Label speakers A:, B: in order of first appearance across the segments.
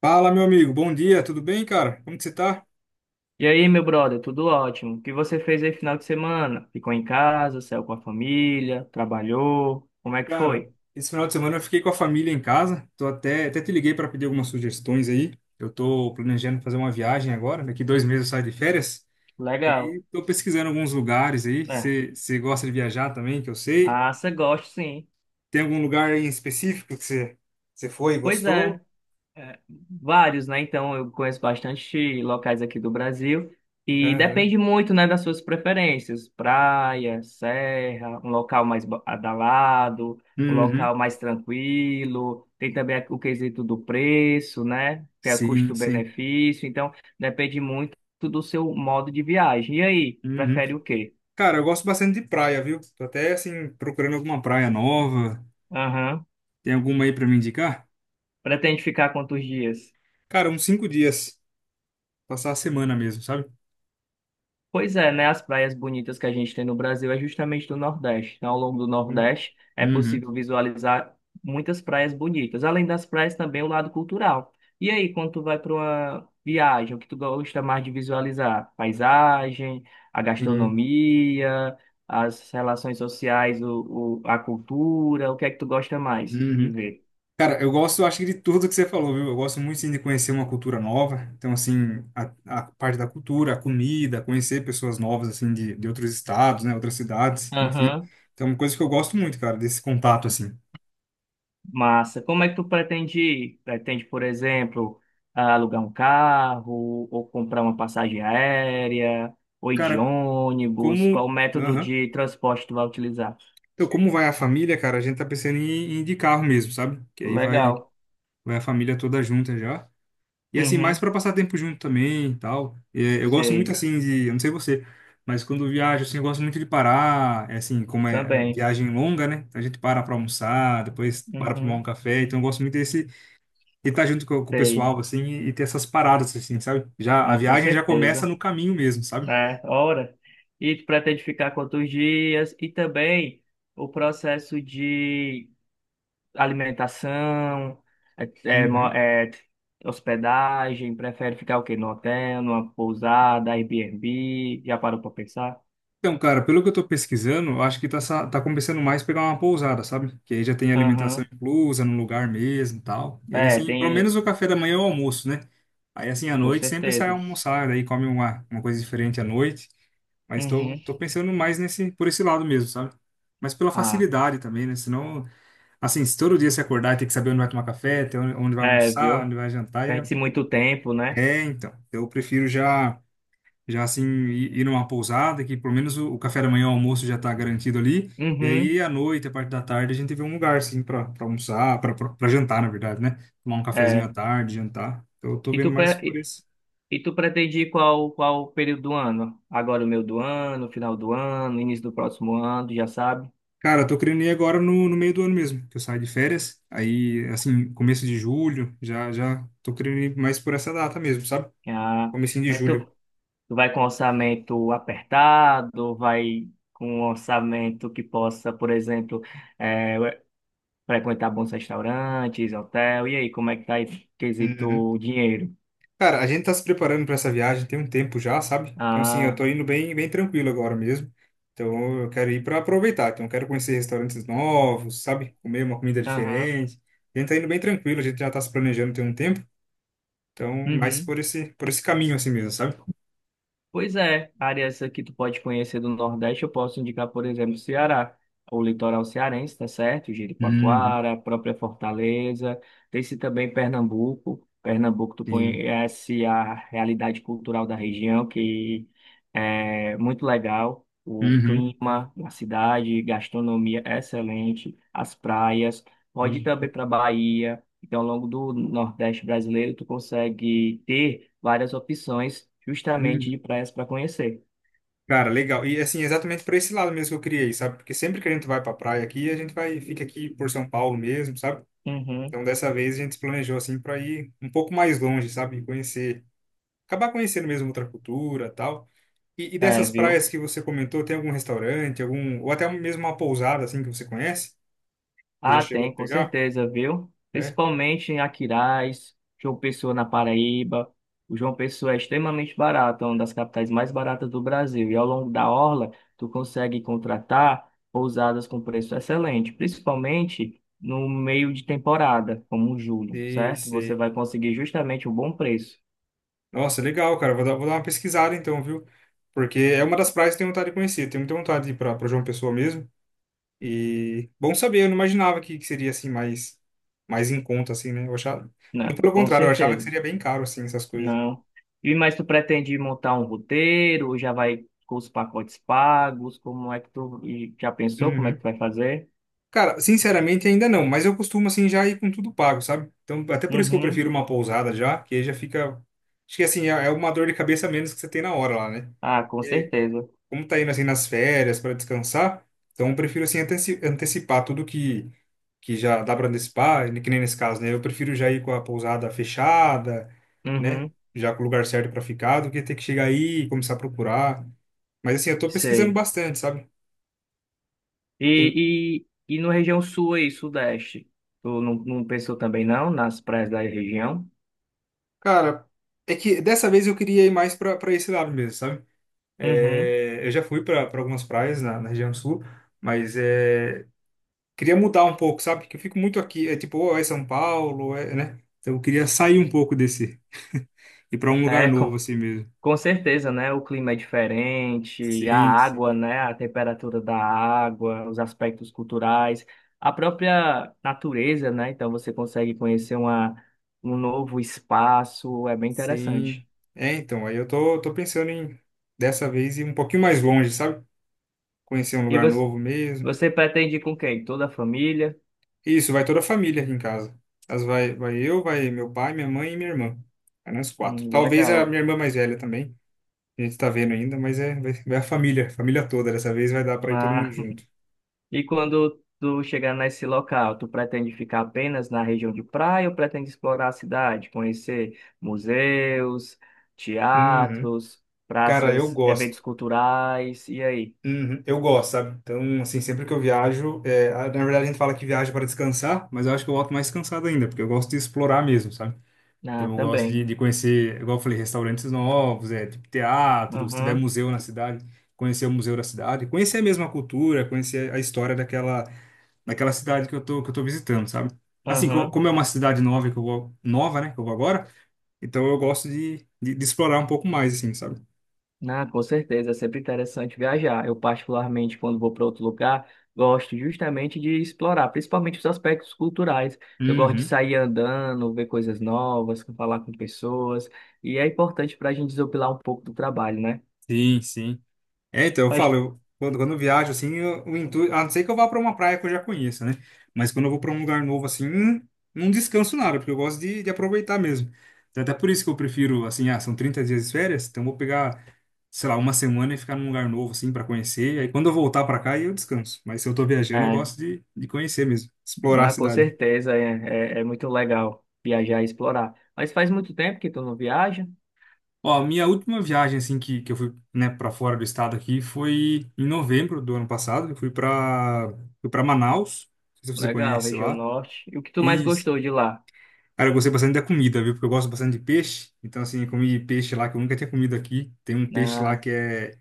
A: Fala, meu amigo. Bom dia, tudo bem, cara? Como que você tá?
B: E aí, meu brother, tudo ótimo? O que você fez aí final de semana? Ficou em casa, saiu com a família, trabalhou? Como é que
A: Cara,
B: foi?
A: esse final de semana eu fiquei com a família em casa. Tô até te liguei para pedir algumas sugestões aí. Eu tô planejando fazer uma viagem agora. Daqui 2 meses eu saio de férias.
B: Legal.
A: E tô pesquisando alguns lugares aí.
B: É,
A: Você gosta de viajar também, que eu sei.
B: massa, gosto sim.
A: Tem algum lugar aí em específico que você foi e
B: Pois é,
A: gostou?
B: É, vários, né? Então eu conheço bastante locais aqui do Brasil e
A: Aham.
B: depende muito, né, das suas preferências. Praia, serra, um local mais badalado, um
A: Uhum.
B: local mais tranquilo. Tem também o quesito do preço, né? Que é
A: Sim, sim.
B: custo-benefício. Então depende muito do seu modo de viagem. E aí,
A: Uhum.
B: prefere o quê?
A: Cara, eu gosto bastante de praia, viu? Tô até, assim, procurando alguma praia nova.
B: Aham.
A: Tem alguma aí para me indicar?
B: Pretende ficar quantos dias?
A: Cara, uns 5 dias. Passar a semana mesmo, sabe?
B: Pois é, né? As praias bonitas que a gente tem no Brasil é justamente do Nordeste. Então, ao longo do
A: Uhum.
B: Nordeste é
A: Uhum.
B: possível visualizar muitas praias bonitas. Além das praias, também o lado cultural. E aí, quando tu vai para uma viagem, o que tu gosta mais de visualizar? Paisagem, a
A: Uhum.
B: gastronomia, as relações sociais, a cultura, o que é que tu gosta mais de
A: Uhum.
B: ver?
A: Cara, eu gosto, acho que de tudo que você falou, viu? Eu gosto muito, sim, de conhecer uma cultura nova. Então, assim, a parte da cultura, a comida, conhecer pessoas novas, assim, de outros estados, né? Outras cidades, enfim.
B: Aham.
A: Então, é uma coisa que eu gosto muito, cara, desse contato, assim.
B: Massa. Como é que tu pretende ir? Pretende, por exemplo, alugar um carro, ou comprar uma passagem aérea, ou ir de
A: Cara,
B: ônibus?
A: como...
B: Qual método
A: Aham.
B: de transporte tu vai utilizar?
A: Então, como vai a família, cara? A gente tá pensando em ir de carro mesmo, sabe? Que aí vai,
B: Legal.
A: vai a família toda junta já. E assim, mais
B: Uhum.
A: para passar tempo junto também e tal. É, eu gosto muito
B: Sei.
A: assim de, eu não sei você, mas quando eu viajo assim, eu gosto muito de parar, é, assim, como é
B: Também.
A: viagem longa, né? A gente para para almoçar, depois para para tomar um
B: Uhum.
A: café, então eu gosto muito desse de estar junto com o
B: Sei.
A: pessoal assim e ter essas paradas assim, sabe? Já a
B: Ah, com
A: viagem já começa
B: certeza.
A: no caminho mesmo, sabe?
B: É, hora. E tu pretende ficar quantos dias? E também o processo de alimentação, é, é, mo-
A: Uhum.
B: é, hospedagem, prefere ficar o quê? No hotel, numa pousada, Airbnb? Já parou para pensar?
A: Então, cara, pelo que eu tô pesquisando, eu acho que tá compensando mais pegar uma pousada, sabe? Que aí já tem alimentação
B: Aham.
A: inclusa no lugar mesmo e tal. E aí,
B: É,
A: assim, pelo
B: tem,
A: menos o café da manhã é o almoço, né? Aí, assim, à
B: com
A: noite sempre sai
B: certeza.
A: almoçar, daí come uma coisa diferente à noite. Mas tô,
B: Uhum.
A: tô pensando mais nesse, por esse lado mesmo, sabe? Mas pela
B: Ah,
A: facilidade também, né? Senão, assim, se todo dia você acordar e tem que saber onde vai tomar café, ter onde vai
B: é,
A: almoçar,
B: viu?
A: onde vai jantar,
B: Perde-se muito tempo, né?
A: então. Eu prefiro já já assim ir numa pousada, que pelo menos o café da manhã, o almoço já tá garantido ali. E
B: Uhum.
A: aí à noite, a parte da tarde, a gente vê um lugar assim para almoçar, para jantar, na verdade, né? Tomar um cafezinho
B: É.
A: à tarde, jantar. Então eu tô
B: E
A: vendo
B: tu,
A: mais
B: pre-
A: por
B: e
A: esse.
B: e tu pretende ir qual, qual período do ano? Agora o meio do ano, final do ano, início do próximo ano, já sabe?
A: Cara, eu tô querendo ir agora no meio do ano mesmo, que eu saio de férias. Aí, assim, começo de julho, já já tô querendo ir mais por essa data mesmo, sabe?
B: Ah,
A: Comecinho de
B: mas tu,
A: julho.
B: tu vai com orçamento apertado, vai com um orçamento que possa, por exemplo, eh, ué, frequentar bons restaurantes, hotel. E aí, como é que tá esse
A: Uhum.
B: quesito dinheiro?
A: Cara, a gente tá se preparando para essa viagem tem um tempo já, sabe? Então, assim, eu
B: Ah,
A: tô indo bem, bem tranquilo agora mesmo. Então, eu quero ir para aproveitar. Então, eu quero conhecer restaurantes novos, sabe? Comer uma comida
B: aham,
A: diferente. A gente tá indo bem tranquilo, a gente já tá se planejando tem um tempo. Então, mais
B: uhum.
A: por esse caminho assim mesmo, sabe?
B: Pois é, áreas que tu pode conhecer do Nordeste, eu posso indicar, por exemplo, o Ceará, o litoral cearense, tá certo?
A: Uhum,
B: Jericoacoara, a própria Fortaleza, tem-se também Pernambuco. Pernambuco, tu
A: sim.
B: conhece a realidade cultural da região, que é muito legal. O
A: Uhum.
B: clima, a cidade, gastronomia excelente, as praias. Pode ir também para Bahia. Então, ao longo do Nordeste brasileiro, tu consegue ter várias opções justamente
A: Uhum.
B: de praias para conhecer.
A: Cara, legal. E assim, exatamente para esse lado mesmo que eu criei, sabe? Porque sempre que a gente vai para praia aqui, a gente vai fica aqui por São Paulo mesmo, sabe?
B: Uhum.
A: Então dessa vez a gente se planejou assim para ir um pouco mais longe, sabe? E conhecer, acabar conhecendo mesmo outra cultura, tal. E
B: É,
A: dessas
B: viu?
A: praias que você comentou, tem algum restaurante, algum ou até mesmo uma pousada assim que você conhece? Você já
B: Ah,
A: chegou a
B: tem, com
A: pegar?
B: certeza, viu?
A: É?
B: Principalmente em Aquiraz, João Pessoa na Paraíba. O João Pessoa é extremamente barato, é uma das capitais mais baratas do Brasil. E ao longo da orla, tu consegue contratar pousadas com preço excelente, principalmente no meio de temporada, como julho,
A: Sei,
B: certo? Você
A: sei.
B: vai conseguir justamente um bom preço.
A: Nossa, legal, cara. Vou dar uma pesquisada então, viu? Porque é uma das praias que eu tenho vontade de conhecer. Tenho muita vontade de ir para João Pessoa mesmo. E bom saber, eu não imaginava que seria assim mais em conta assim, né? Eu achava,
B: Não,
A: muito pelo
B: com
A: contrário, eu achava que
B: certeza.
A: seria bem caro assim essas coisas.
B: Não. E mas tu pretende montar um roteiro ou já vai com os pacotes pagos? Como é que tu e já pensou como é que
A: Uhum.
B: tu vai fazer?
A: Cara, sinceramente ainda não, mas eu costumo assim já ir com tudo pago, sabe? Então, até por isso que eu
B: Uhum.
A: prefiro uma pousada já, que aí já fica acho que assim é uma dor de cabeça a menos que você tem na hora lá, né?
B: Ah, com certeza.
A: Como tá indo assim nas férias para descansar, então eu prefiro assim antecipar tudo que já dá para antecipar, e que nem nesse caso, né? Eu prefiro já ir com a pousada fechada, né?
B: Uhum.
A: Já com o lugar certo para ficar, do que ter que chegar aí e começar a procurar. Mas assim, eu tô pesquisando
B: Sei.
A: bastante, sabe? Tem,
B: E no região sul e sudeste? Tu não pensou também não nas praias da região?
A: cara, é que dessa vez eu queria ir mais pra para esse lado mesmo, sabe?
B: Uhum.
A: É, eu já fui pra algumas praias na região sul, mas queria mudar um pouco, sabe? Que eu fico muito aqui, é tipo, ou é São Paulo, ou é, né? Então eu queria sair um pouco desse, ir para um lugar
B: É,
A: novo
B: com
A: assim mesmo.
B: Com certeza, né? O clima é diferente, a
A: Sim, sim,
B: água, né? A temperatura da água, os aspectos culturais, a própria natureza, né? Então você consegue conhecer uma, um novo espaço, é bem
A: sim.
B: interessante.
A: É, então, aí eu tô pensando em dessa vez ir um pouquinho mais longe, sabe? Conhecer um
B: E
A: lugar
B: você,
A: novo mesmo.
B: você pretende ir com quem? Toda a família?
A: Isso, vai toda a família aqui em casa. As vai eu, vai meu pai, minha mãe e minha irmã. Vai nós quatro. Talvez a
B: Legal.
A: minha irmã mais velha também. A gente tá vendo ainda, mas é, vai a família, família toda. Dessa vez vai dar para ir todo mundo
B: Ah,
A: junto.
B: e quando tu chegar nesse local, tu pretende ficar apenas na região de praia ou pretende explorar a cidade, conhecer museus,
A: Uhum.
B: teatros,
A: Cara, eu
B: praças,
A: gosto.
B: eventos culturais, e aí?
A: Uhum, eu gosto, sabe? Então, assim, sempre que eu viajo, na verdade a gente fala que viaja para descansar, mas eu acho que eu volto mais cansado ainda, porque eu gosto de explorar mesmo, sabe? Então
B: Ah,
A: eu gosto de,
B: também.
A: de conhecer, igual eu falei, restaurantes novos, tipo teatro, se tiver
B: Uhum,
A: museu na cidade, conhecer o museu da cidade, conhecer mesmo a mesma cultura, conhecer a história daquela cidade que eu tô visitando, sabe? Assim, co-
B: uhum.
A: como é uma cidade nova que eu vou, nova, né, que eu vou agora, então eu gosto de explorar um pouco mais, assim, sabe?
B: Ah, com certeza, é sempre interessante viajar. Eu, particularmente, quando vou para outro lugar, gosto justamente de explorar, principalmente os aspectos culturais. Eu gosto de
A: Uhum.
B: sair andando, ver coisas novas, falar com pessoas, e é importante para a gente desopilar um pouco do trabalho, né?
A: Sim, sim. É, então, eu falo,
B: Mas,
A: quando eu viajo, assim, eu, o intuito, a não ser que eu vá para uma praia que eu já conheça, né? Mas quando eu vou para um lugar novo, assim, não descanso nada, porque eu gosto de aproveitar mesmo. Então, até por isso que eu prefiro, assim, ah, são 30 dias de férias, então eu vou pegar, sei lá, uma semana e ficar num lugar novo, assim, para conhecer. Aí quando eu voltar para cá, aí eu descanso. Mas se eu tô viajando, eu
B: é,
A: gosto de conhecer mesmo, explorar a
B: né, com
A: cidade.
B: certeza, é muito legal viajar e explorar. Mas faz muito tempo que tu não viaja?
A: Ó, a minha última viagem, assim, que eu fui, né, para fora do estado aqui foi em novembro do ano passado. Eu fui para Manaus, não sei se você
B: Legal,
A: conhece
B: região
A: lá.
B: norte. E o que tu mais
A: E,
B: gostou de lá?
A: cara, eu gostei bastante da comida, viu? Porque eu gosto bastante de peixe. Então, assim, eu comi peixe lá que eu nunca tinha comido aqui. Tem um peixe lá
B: Ah,
A: que é,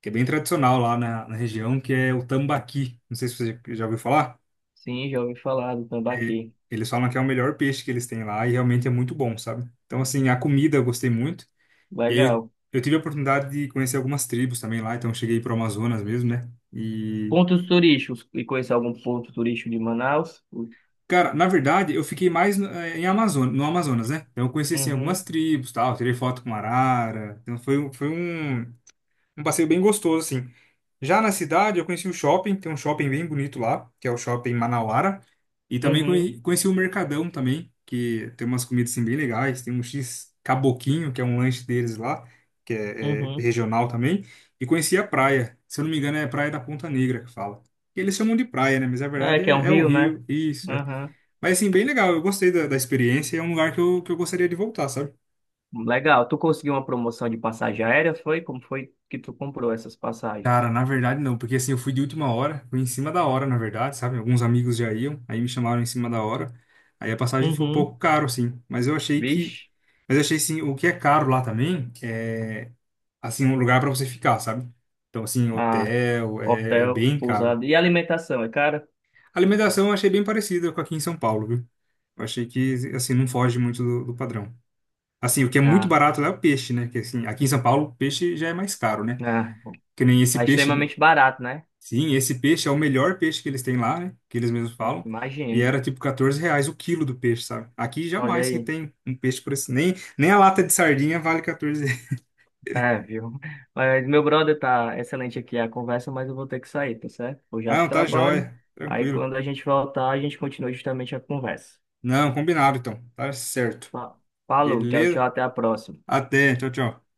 A: que é bem tradicional lá na região, que é o tambaqui. Não sei se você já ouviu falar.
B: sim, já ouvi falar do
A: É,
B: Tambaqui.
A: eles falam que é o melhor peixe que eles têm lá e realmente é muito bom, sabe? Então, assim, a comida eu gostei muito. E aí eu,
B: Legal.
A: eu tive a oportunidade de conhecer algumas tribos também lá, então eu cheguei pro Amazonas mesmo, né? E,
B: Pontos turísticos. E conhecer algum ponto turístico de Manaus?
A: cara, na verdade, eu fiquei mais no, em Amazonas, no Amazonas, né? Então eu conheci, assim, algumas
B: Uhum,
A: tribos, tal, tirei foto com arara, então foi um passeio bem gostoso, assim. Já na cidade, eu conheci o shopping, tem um shopping bem bonito lá, que é o Shopping Manauara. E também
B: uhum,
A: conheci o Mercadão também, que tem umas comidas assim, bem legais. Tem um X Caboquinho, que é um lanche deles lá, que é
B: uhum.
A: regional também. E conheci a praia, se eu não me engano é Praia da Ponta Negra que fala. E eles chamam de praia, né? Mas na
B: É,
A: verdade
B: que é
A: é,
B: um
A: é o
B: rio, né?
A: rio, isso. É.
B: Aham.
A: Mas assim, bem legal, eu gostei da experiência é um lugar que eu gostaria de voltar, sabe?
B: Legal. Tu conseguiu uma promoção de passagem aérea? Foi? Como foi que tu comprou essas passagens?
A: Cara, na verdade não, porque assim, eu fui de última hora, fui em cima da hora, na verdade, sabe? Alguns amigos já iam, aí me chamaram em cima da hora. Aí a passagem foi um
B: Uhum.
A: pouco caro, assim, mas eu achei que,
B: Vixe.
A: mas eu achei assim, o que é caro lá também é assim um lugar para você ficar, sabe? Então assim,
B: Ah,
A: hotel é
B: hotel,
A: bem caro.
B: pousada. E alimentação, é cara?
A: A alimentação eu achei bem parecida com aqui em São Paulo, viu? Eu achei que assim não foge muito do padrão. Assim, o que é muito
B: Ah,
A: barato lá é o peixe, né? Que assim, aqui em São Paulo, peixe já é mais caro, né?
B: ah.
A: Que nem esse
B: Tá
A: peixe.
B: extremamente barato, né?
A: Sim, esse peixe é o melhor peixe que eles têm lá, né? Que eles mesmos falam. E
B: Imagino.
A: era tipo R$ 14 o quilo do peixe, sabe? Aqui
B: Olha
A: jamais que
B: aí.
A: tem um peixe por esse. Nem a lata de sardinha vale R$ 14.
B: É, viu? Mas meu brother tá excelente aqui a conversa, mas eu vou ter que sair, tá certo? Vou
A: Ah,
B: já pro
A: não, tá
B: trabalho.
A: jóia.
B: Aí
A: Tranquilo.
B: quando a gente voltar, a gente continua justamente a conversa.
A: Não, combinado então. Tá certo.
B: Fa- Falou, tchau, tchau,
A: Beleza?
B: até a próxima.
A: Até. Tchau, tchau.